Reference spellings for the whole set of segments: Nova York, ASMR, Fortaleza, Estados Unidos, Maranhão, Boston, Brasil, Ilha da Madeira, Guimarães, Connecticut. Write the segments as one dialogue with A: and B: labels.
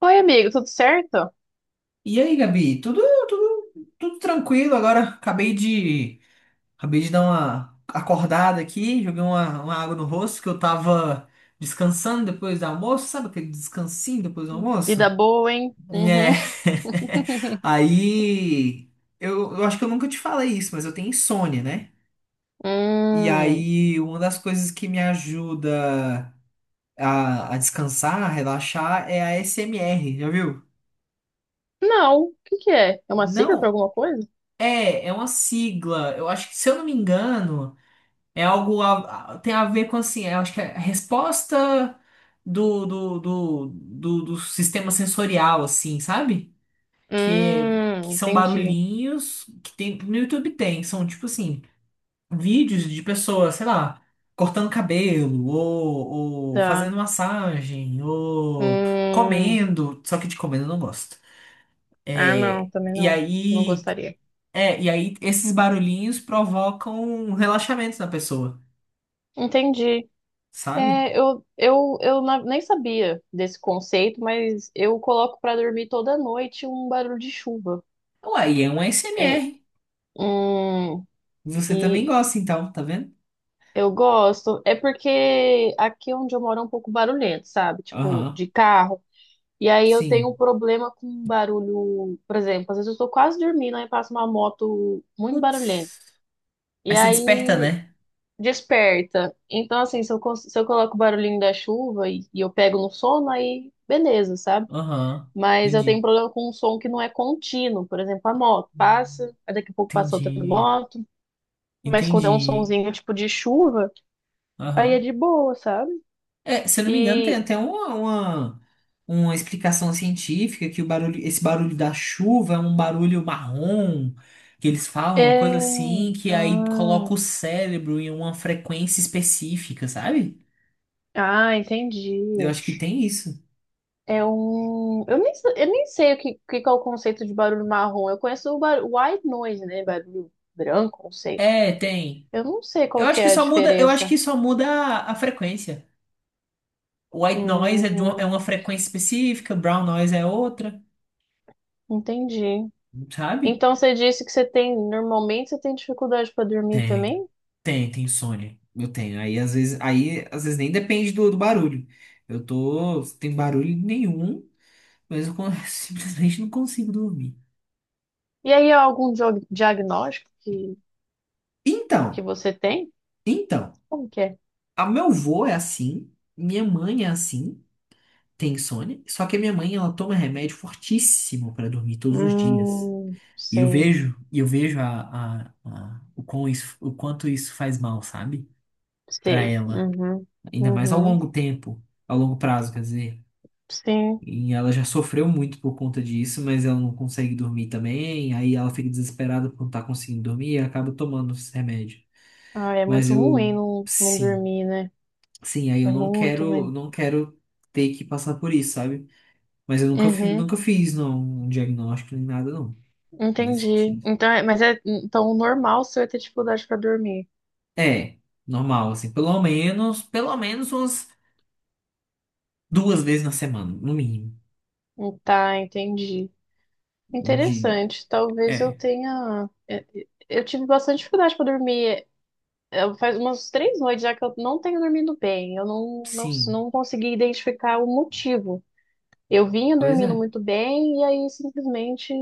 A: Oi, amigo, tudo certo?
B: E aí, Gabi? Tudo, tudo tranquilo agora. Acabei de dar uma acordada aqui, joguei uma água no rosto que eu tava descansando depois do almoço, sabe aquele descansinho depois do
A: Vida
B: almoço?
A: boa, hein?
B: É.
A: Uhum.
B: Aí, eu acho que eu nunca te falei isso, mas eu tenho insônia, né? E
A: Hum,
B: aí, uma das coisas que me ajuda a descansar, a relaxar, é a SMR, já viu?
A: não, o que que é? É uma sigla para
B: Não,
A: alguma coisa?
B: é uma sigla. Eu acho que, se eu não me engano. É algo tem a ver com assim, eu acho que é a resposta do sistema sensorial, assim, sabe? Que, que são
A: Entendi.
B: barulhinhos que tem no YouTube tem, são tipo assim, vídeos de pessoas, sei lá, cortando cabelo, ou
A: Tá.
B: fazendo massagem, ou
A: Hum,
B: comendo, só que de comendo eu não gosto.
A: ah, não,
B: É,
A: também
B: e
A: não. Não
B: aí,
A: gostaria.
B: é, e aí, esses barulhinhos provocam um relaxamento na pessoa.
A: Entendi.
B: Sabe?
A: É, nem sabia desse conceito, mas eu coloco para dormir toda noite um barulho de chuva.
B: Uai, é um A S M
A: É,
B: R
A: hum.
B: Você também gosta, então, tá vendo?
A: Eu gosto, é porque aqui é onde eu moro é um pouco barulhento, sabe? Tipo,
B: Aham,
A: de carro. E aí eu tenho um
B: sim.
A: problema com um barulho, por exemplo, às vezes eu tô quase dormindo, aí passa uma moto muito barulhenta.
B: Putz.
A: E
B: Aí você desperta,
A: aí
B: né?
A: desperta. Então, assim, se eu coloco o barulhinho da chuva e eu pego no sono, aí beleza, sabe?
B: Aham,
A: Mas eu tenho um
B: entendi.
A: problema com um som que não é contínuo. Por exemplo, a moto passa, aí daqui a pouco passa outra
B: Entendi.
A: moto. Mas quando é um
B: Entendi.
A: sonzinho tipo de chuva, aí é
B: Aham.
A: de boa, sabe?
B: É, se eu não me engano, tem
A: E
B: até uma explicação científica que o barulho, esse barulho da chuva é um barulho marrom, que eles falam, uma
A: é.
B: coisa assim, que aí
A: Ah,
B: coloca o cérebro em uma frequência específica, sabe?
A: ah, entendi.
B: Eu acho que tem isso.
A: É um. Eu nem sei que é o conceito de barulho marrom. Eu conheço o white noise, né? Barulho branco, não sei.
B: É, tem.
A: Eu não sei qual que é a
B: Eu acho
A: diferença.
B: que só muda a frequência. White noise é
A: Hum,
B: uma frequência específica, brown noise é outra,
A: entendi.
B: sabe?
A: Então você disse que você tem. Normalmente você tem dificuldade para dormir
B: Tem,
A: também?
B: tem insônia. Eu tenho. Aí às vezes nem depende do barulho. Eu tô sem barulho nenhum, mas eu simplesmente não consigo dormir.
A: E aí há algum diagnóstico que
B: Então,
A: você tem?
B: então,
A: Como que é?
B: a meu avô é assim, minha mãe é assim, tem insônia, só que a minha mãe ela toma remédio fortíssimo pra dormir todos os dias.
A: Sei,
B: E eu vejo o quanto isso faz mal, sabe? Pra
A: sei.
B: ela.
A: Uhum,
B: Ainda mais ao
A: uhum.
B: longo tempo, ao longo prazo, quer dizer.
A: Sim.
B: E ela já sofreu muito por conta disso, mas ela não consegue dormir também. Aí ela fica desesperada por não estar conseguindo dormir e acaba tomando esse remédio.
A: Ah, é
B: Mas
A: muito ruim
B: eu,
A: não, não
B: sim,
A: dormir, né?
B: sim, aí eu
A: É
B: não
A: muito
B: quero,
A: ruim.
B: não quero ter que passar por isso, sabe? Mas eu
A: Uhum,
B: nunca fiz, não, um diagnóstico nem nada, não, nesse
A: entendi.
B: sentido.
A: Então, mas é então o normal você é ter dificuldade para dormir.
B: É, normal, assim, pelo menos umas duas vezes na semana, no mínimo.
A: Tá, entendi.
B: De,
A: Interessante. Talvez eu
B: é,
A: tenha. Eu tive bastante dificuldade para dormir. Faz umas três noites já que eu não tenho dormido bem. Eu não, não,
B: sim,
A: não consegui identificar o motivo. Eu vinha
B: pois
A: dormindo
B: é.
A: muito bem e aí simplesmente,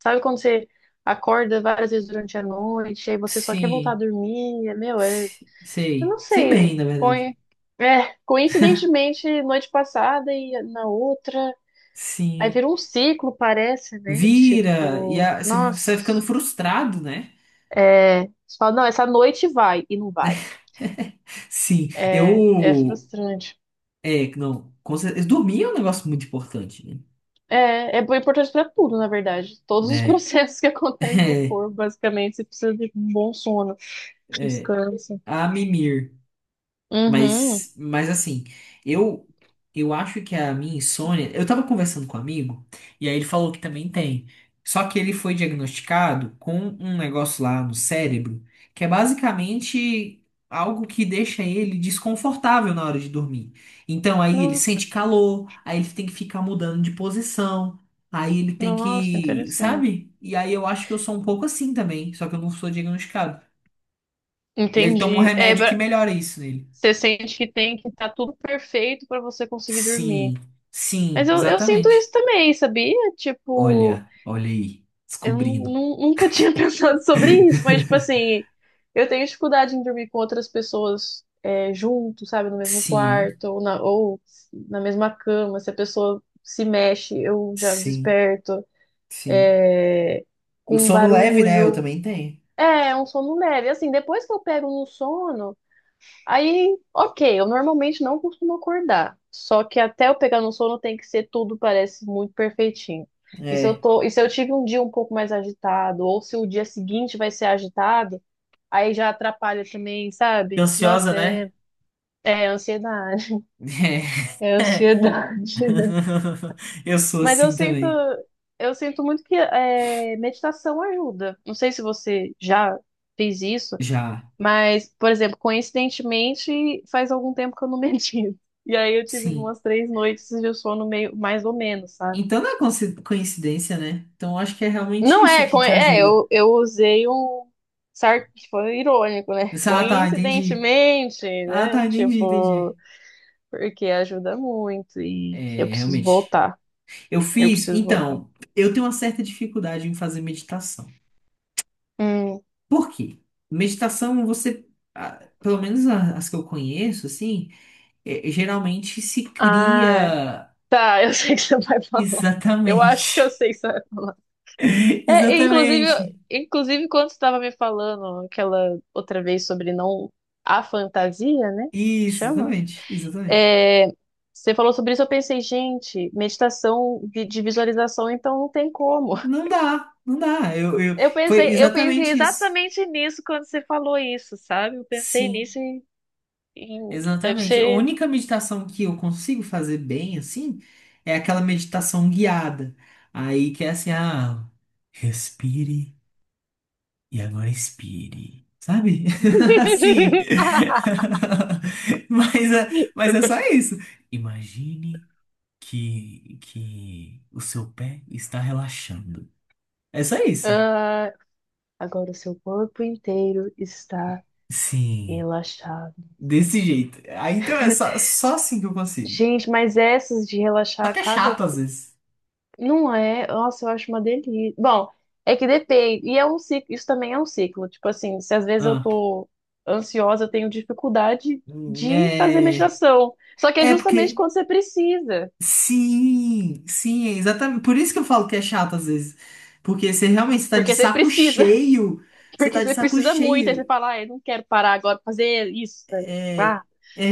A: sabe quando você acorda várias vezes durante a noite, aí você só quer voltar a
B: Sim,
A: dormir, é, meu, é, eu não
B: sei
A: sei,
B: bem, na verdade.
A: é, coincidentemente noite passada e na outra, aí
B: Sim,
A: vira um ciclo, parece, né?
B: vira, e
A: Tipo,
B: você vai ficando
A: nossa,
B: frustrado, né?
A: é, você fala, não, essa noite vai e não vai.
B: Sim,
A: É, é frustrante.
B: é, não, com certeza, dormir é um negócio muito importante, né?
A: É, é importante para tudo, na verdade. Todos os
B: Né?
A: processos que acontecem no corpo, basicamente, você precisa de um bom sono,
B: É,
A: descanso.
B: a mimir.
A: Uhum.
B: Mas assim, eu eu acho que a minha insônia. Eu tava conversando com um amigo, e aí ele falou que também tem. Só que ele foi diagnosticado com um negócio lá no cérebro, que é basicamente algo que deixa ele desconfortável na hora de dormir. Então aí ele
A: Nossa,
B: sente calor, aí ele tem que ficar mudando de posição, aí ele tem
A: nossa,
B: que,
A: interessante.
B: sabe? E aí eu acho que eu sou um pouco assim também, só que eu não sou diagnosticado. E aí ele toma um
A: Entendi. É,
B: remédio que melhora isso nele.
A: você sente que tem que estar tudo perfeito para você conseguir dormir.
B: Sim,
A: Mas
B: sim,
A: eu sinto isso
B: exatamente.
A: também, sabia? Tipo.
B: Olha, olha aí, descobrindo.
A: Nunca tinha pensado sobre isso, mas, tipo assim, eu tenho dificuldade em dormir com outras pessoas é, junto, sabe, no mesmo
B: Sim,
A: quarto, ou na mesma cama. Se a pessoa se mexe, eu já
B: sim,
A: desperto
B: sim.
A: é,
B: O
A: com um
B: sono leve, né? Eu
A: barulho.
B: também tenho.
A: É, é um sono leve. Assim, depois que eu pego no sono. Aí, ok, eu normalmente não costumo acordar. Só que até eu pegar no sono tem que ser tudo, parece muito perfeitinho.
B: É.
A: E se eu tive um dia um pouco mais agitado, ou se o dia seguinte vai ser agitado, aí já atrapalha também,
B: Fiquei
A: sabe?
B: ansiosa,
A: Nossa,
B: né?
A: é, é ansiedade. É
B: É.
A: ansiedade.
B: Eu sou
A: Mas
B: assim também.
A: eu sinto muito que é, meditação ajuda. Não sei se você já fez isso.
B: Já.
A: Mas, por exemplo, coincidentemente, faz algum tempo que eu não medito. E aí eu tive
B: Sim.
A: umas três noites de sono meio mais ou menos, sabe?
B: Então não é coincidência, né? Então acho que é realmente
A: Não
B: isso
A: é,
B: que te
A: é,
B: ajuda.
A: eu usei um foi irônico, né?
B: Ah, tá, entendi.
A: Coincidentemente,
B: Ah,
A: né?
B: tá, entendi,
A: Tipo,
B: entendi.
A: porque ajuda muito e eu
B: É,
A: preciso
B: realmente.
A: voltar.
B: Eu
A: Eu
B: fiz,
A: preciso voltar.
B: então, eu tenho uma certa dificuldade em fazer meditação.
A: Hum.
B: Por quê? Meditação, você, ah, pelo menos as que eu conheço, assim, geralmente se
A: Ah,
B: cria
A: tá, eu sei o que você vai falar. Eu acho que eu
B: exatamente.
A: sei o que você vai falar. É, e inclusive,
B: Exatamente.
A: inclusive quando você estava me falando aquela outra vez sobre não a fantasia, né?
B: Isso,
A: Chama?
B: exatamente, exatamente.
A: É, você falou sobre isso, eu pensei, gente, meditação de visualização, então não tem como.
B: Não dá, não dá. Eu... Foi
A: Eu pensei
B: exatamente isso.
A: exatamente nisso quando você falou isso, sabe? Eu pensei
B: Sim.
A: nisso e deve
B: Exatamente. A
A: ser.
B: única meditação que eu consigo fazer bem, assim, é aquela meditação guiada. Aí que é assim, respire e agora expire. Sabe? Assim. Mas é só isso. Imagine que o seu pé está relaxando. É só isso.
A: Ah, agora o seu corpo inteiro está
B: Sim,
A: relaxado.
B: desse jeito. Aí então é só assim que eu consigo.
A: Gente, mas essas de
B: Só
A: relaxar
B: que é
A: cada.
B: chato às vezes.
A: Não é? Nossa, eu acho uma delícia. Bom, é que depende. E é um ciclo, isso também é um ciclo. Tipo assim, se às vezes eu
B: Ah,
A: tô ansiosa, eu tenho dificuldade
B: hum,
A: de fazer
B: é.
A: meditação. Só que é
B: É
A: justamente
B: porque
A: quando você precisa.
B: sim, sim, é exatamente. Por isso que eu falo que é chato às vezes. Porque você realmente está de
A: Porque você
B: saco
A: precisa,
B: cheio. Você
A: porque
B: tá de
A: você
B: saco
A: precisa muito. Aí você
B: cheio.
A: fala, ah, eu não quero parar agora pra fazer isso, né? Tipo, ah.
B: É, é,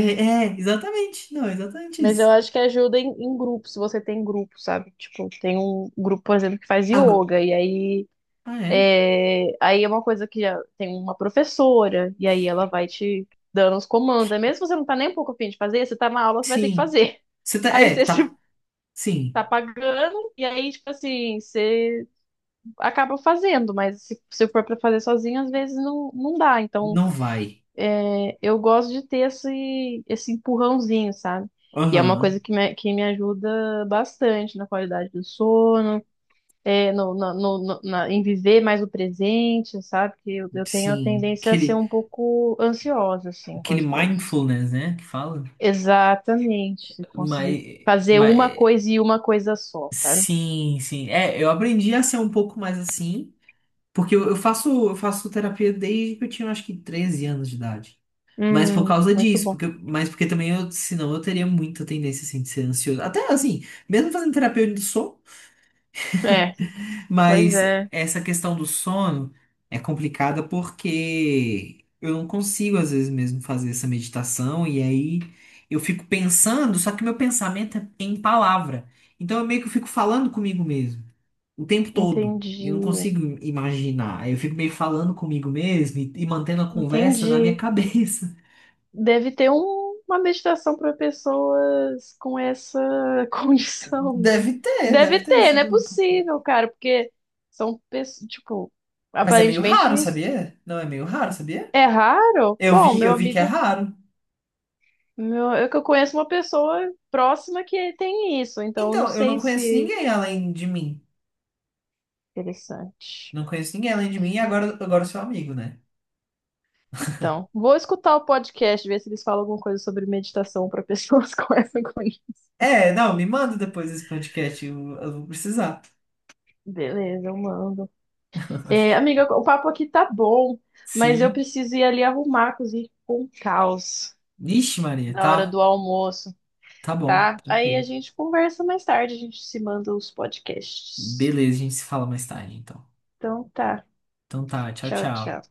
B: é, exatamente. Não, é exatamente
A: Mas eu
B: isso.
A: acho que ajuda em, em grupo, se você tem grupo, sabe? Tipo, tem um grupo, por exemplo, que faz
B: Ago-
A: yoga, e aí.
B: Ah, é?
A: É, aí é uma coisa que já tem uma professora, e aí ela vai te dando os comandos. Aí mesmo se você não tá nem um pouco a fim de fazer, você tá na aula, você vai ter que
B: Sim.
A: fazer.
B: Você tá,
A: Aí
B: é,
A: você se
B: tá, sim.
A: tá pagando, e aí, tipo assim, você acaba fazendo, mas se for pra fazer sozinho, às vezes não, não dá. Então,
B: Não vai.
A: é, eu gosto de ter esse, esse empurrãozinho, sabe? E é uma coisa
B: Aham,
A: que me ajuda bastante na qualidade do sono. É, em viver mais o presente, sabe? Que eu tenho a
B: sim.
A: tendência a ser
B: Aquele,
A: um pouco ansiosa, assim, com
B: aquele
A: as coisas.
B: mindfulness, né, que fala.
A: Exatamente, se
B: Mas,
A: conseguir fazer
B: mas,
A: uma coisa e uma coisa só, sabe?
B: sim, sim. É, eu aprendi a ser um pouco mais assim. Porque eu faço terapia desde que eu tinha, acho que, 13 anos de idade. Mas por causa
A: Muito
B: disso,
A: bom.
B: mas porque também eu, senão eu teria muita tendência, assim, de ser ansioso. Até, assim, mesmo fazendo terapia eu ainda sou,
A: É, pois
B: mas
A: é,
B: essa questão do sono é complicada porque eu não consigo, às vezes, mesmo fazer essa meditação e aí eu fico pensando, só que meu pensamento é em palavra. Então eu meio que fico falando comigo mesmo o tempo todo. Eu não
A: entendi,
B: consigo imaginar. Aí eu fico meio falando comigo mesmo e mantendo a conversa na minha
A: entendi.
B: cabeça.
A: Deve ter uma meditação para pessoas com essa condição, né?
B: Deve ter, deve
A: Deve
B: ter
A: ter,
B: isso.
A: não é possível, cara, porque são pessoas, tipo,
B: Mas é meio
A: aparentemente.
B: raro, sabia? Não é meio raro, sabia?
A: É raro?
B: Eu
A: Bom,
B: vi,
A: meu
B: eu vi que é
A: amigo,
B: raro.
A: meu, eu que eu conheço uma pessoa próxima que tem isso, então eu não
B: Então, eu não
A: sei
B: conheço
A: se.
B: ninguém além de mim.
A: Interessante.
B: Não conheço ninguém além de mim e agora eu sou amigo, né?
A: Então, vou escutar o podcast, ver se eles falam alguma coisa sobre meditação para pessoas com essa condição.
B: É, não, me manda depois esse podcast, eu vou precisar.
A: Beleza, eu mando. É, amiga, o papo aqui tá bom, mas eu
B: Sim.
A: preciso ir ali arrumar, cozinhar com um caos
B: Vixe, Maria,
A: na hora
B: tá?
A: do almoço,
B: Tá bom,
A: tá? Aí a
B: tranquilo.
A: gente conversa mais tarde, a gente se manda os podcasts.
B: Beleza, a gente se fala mais tarde, então.
A: Então tá.
B: Então tá, tchau,
A: Tchau, tchau.
B: tchau.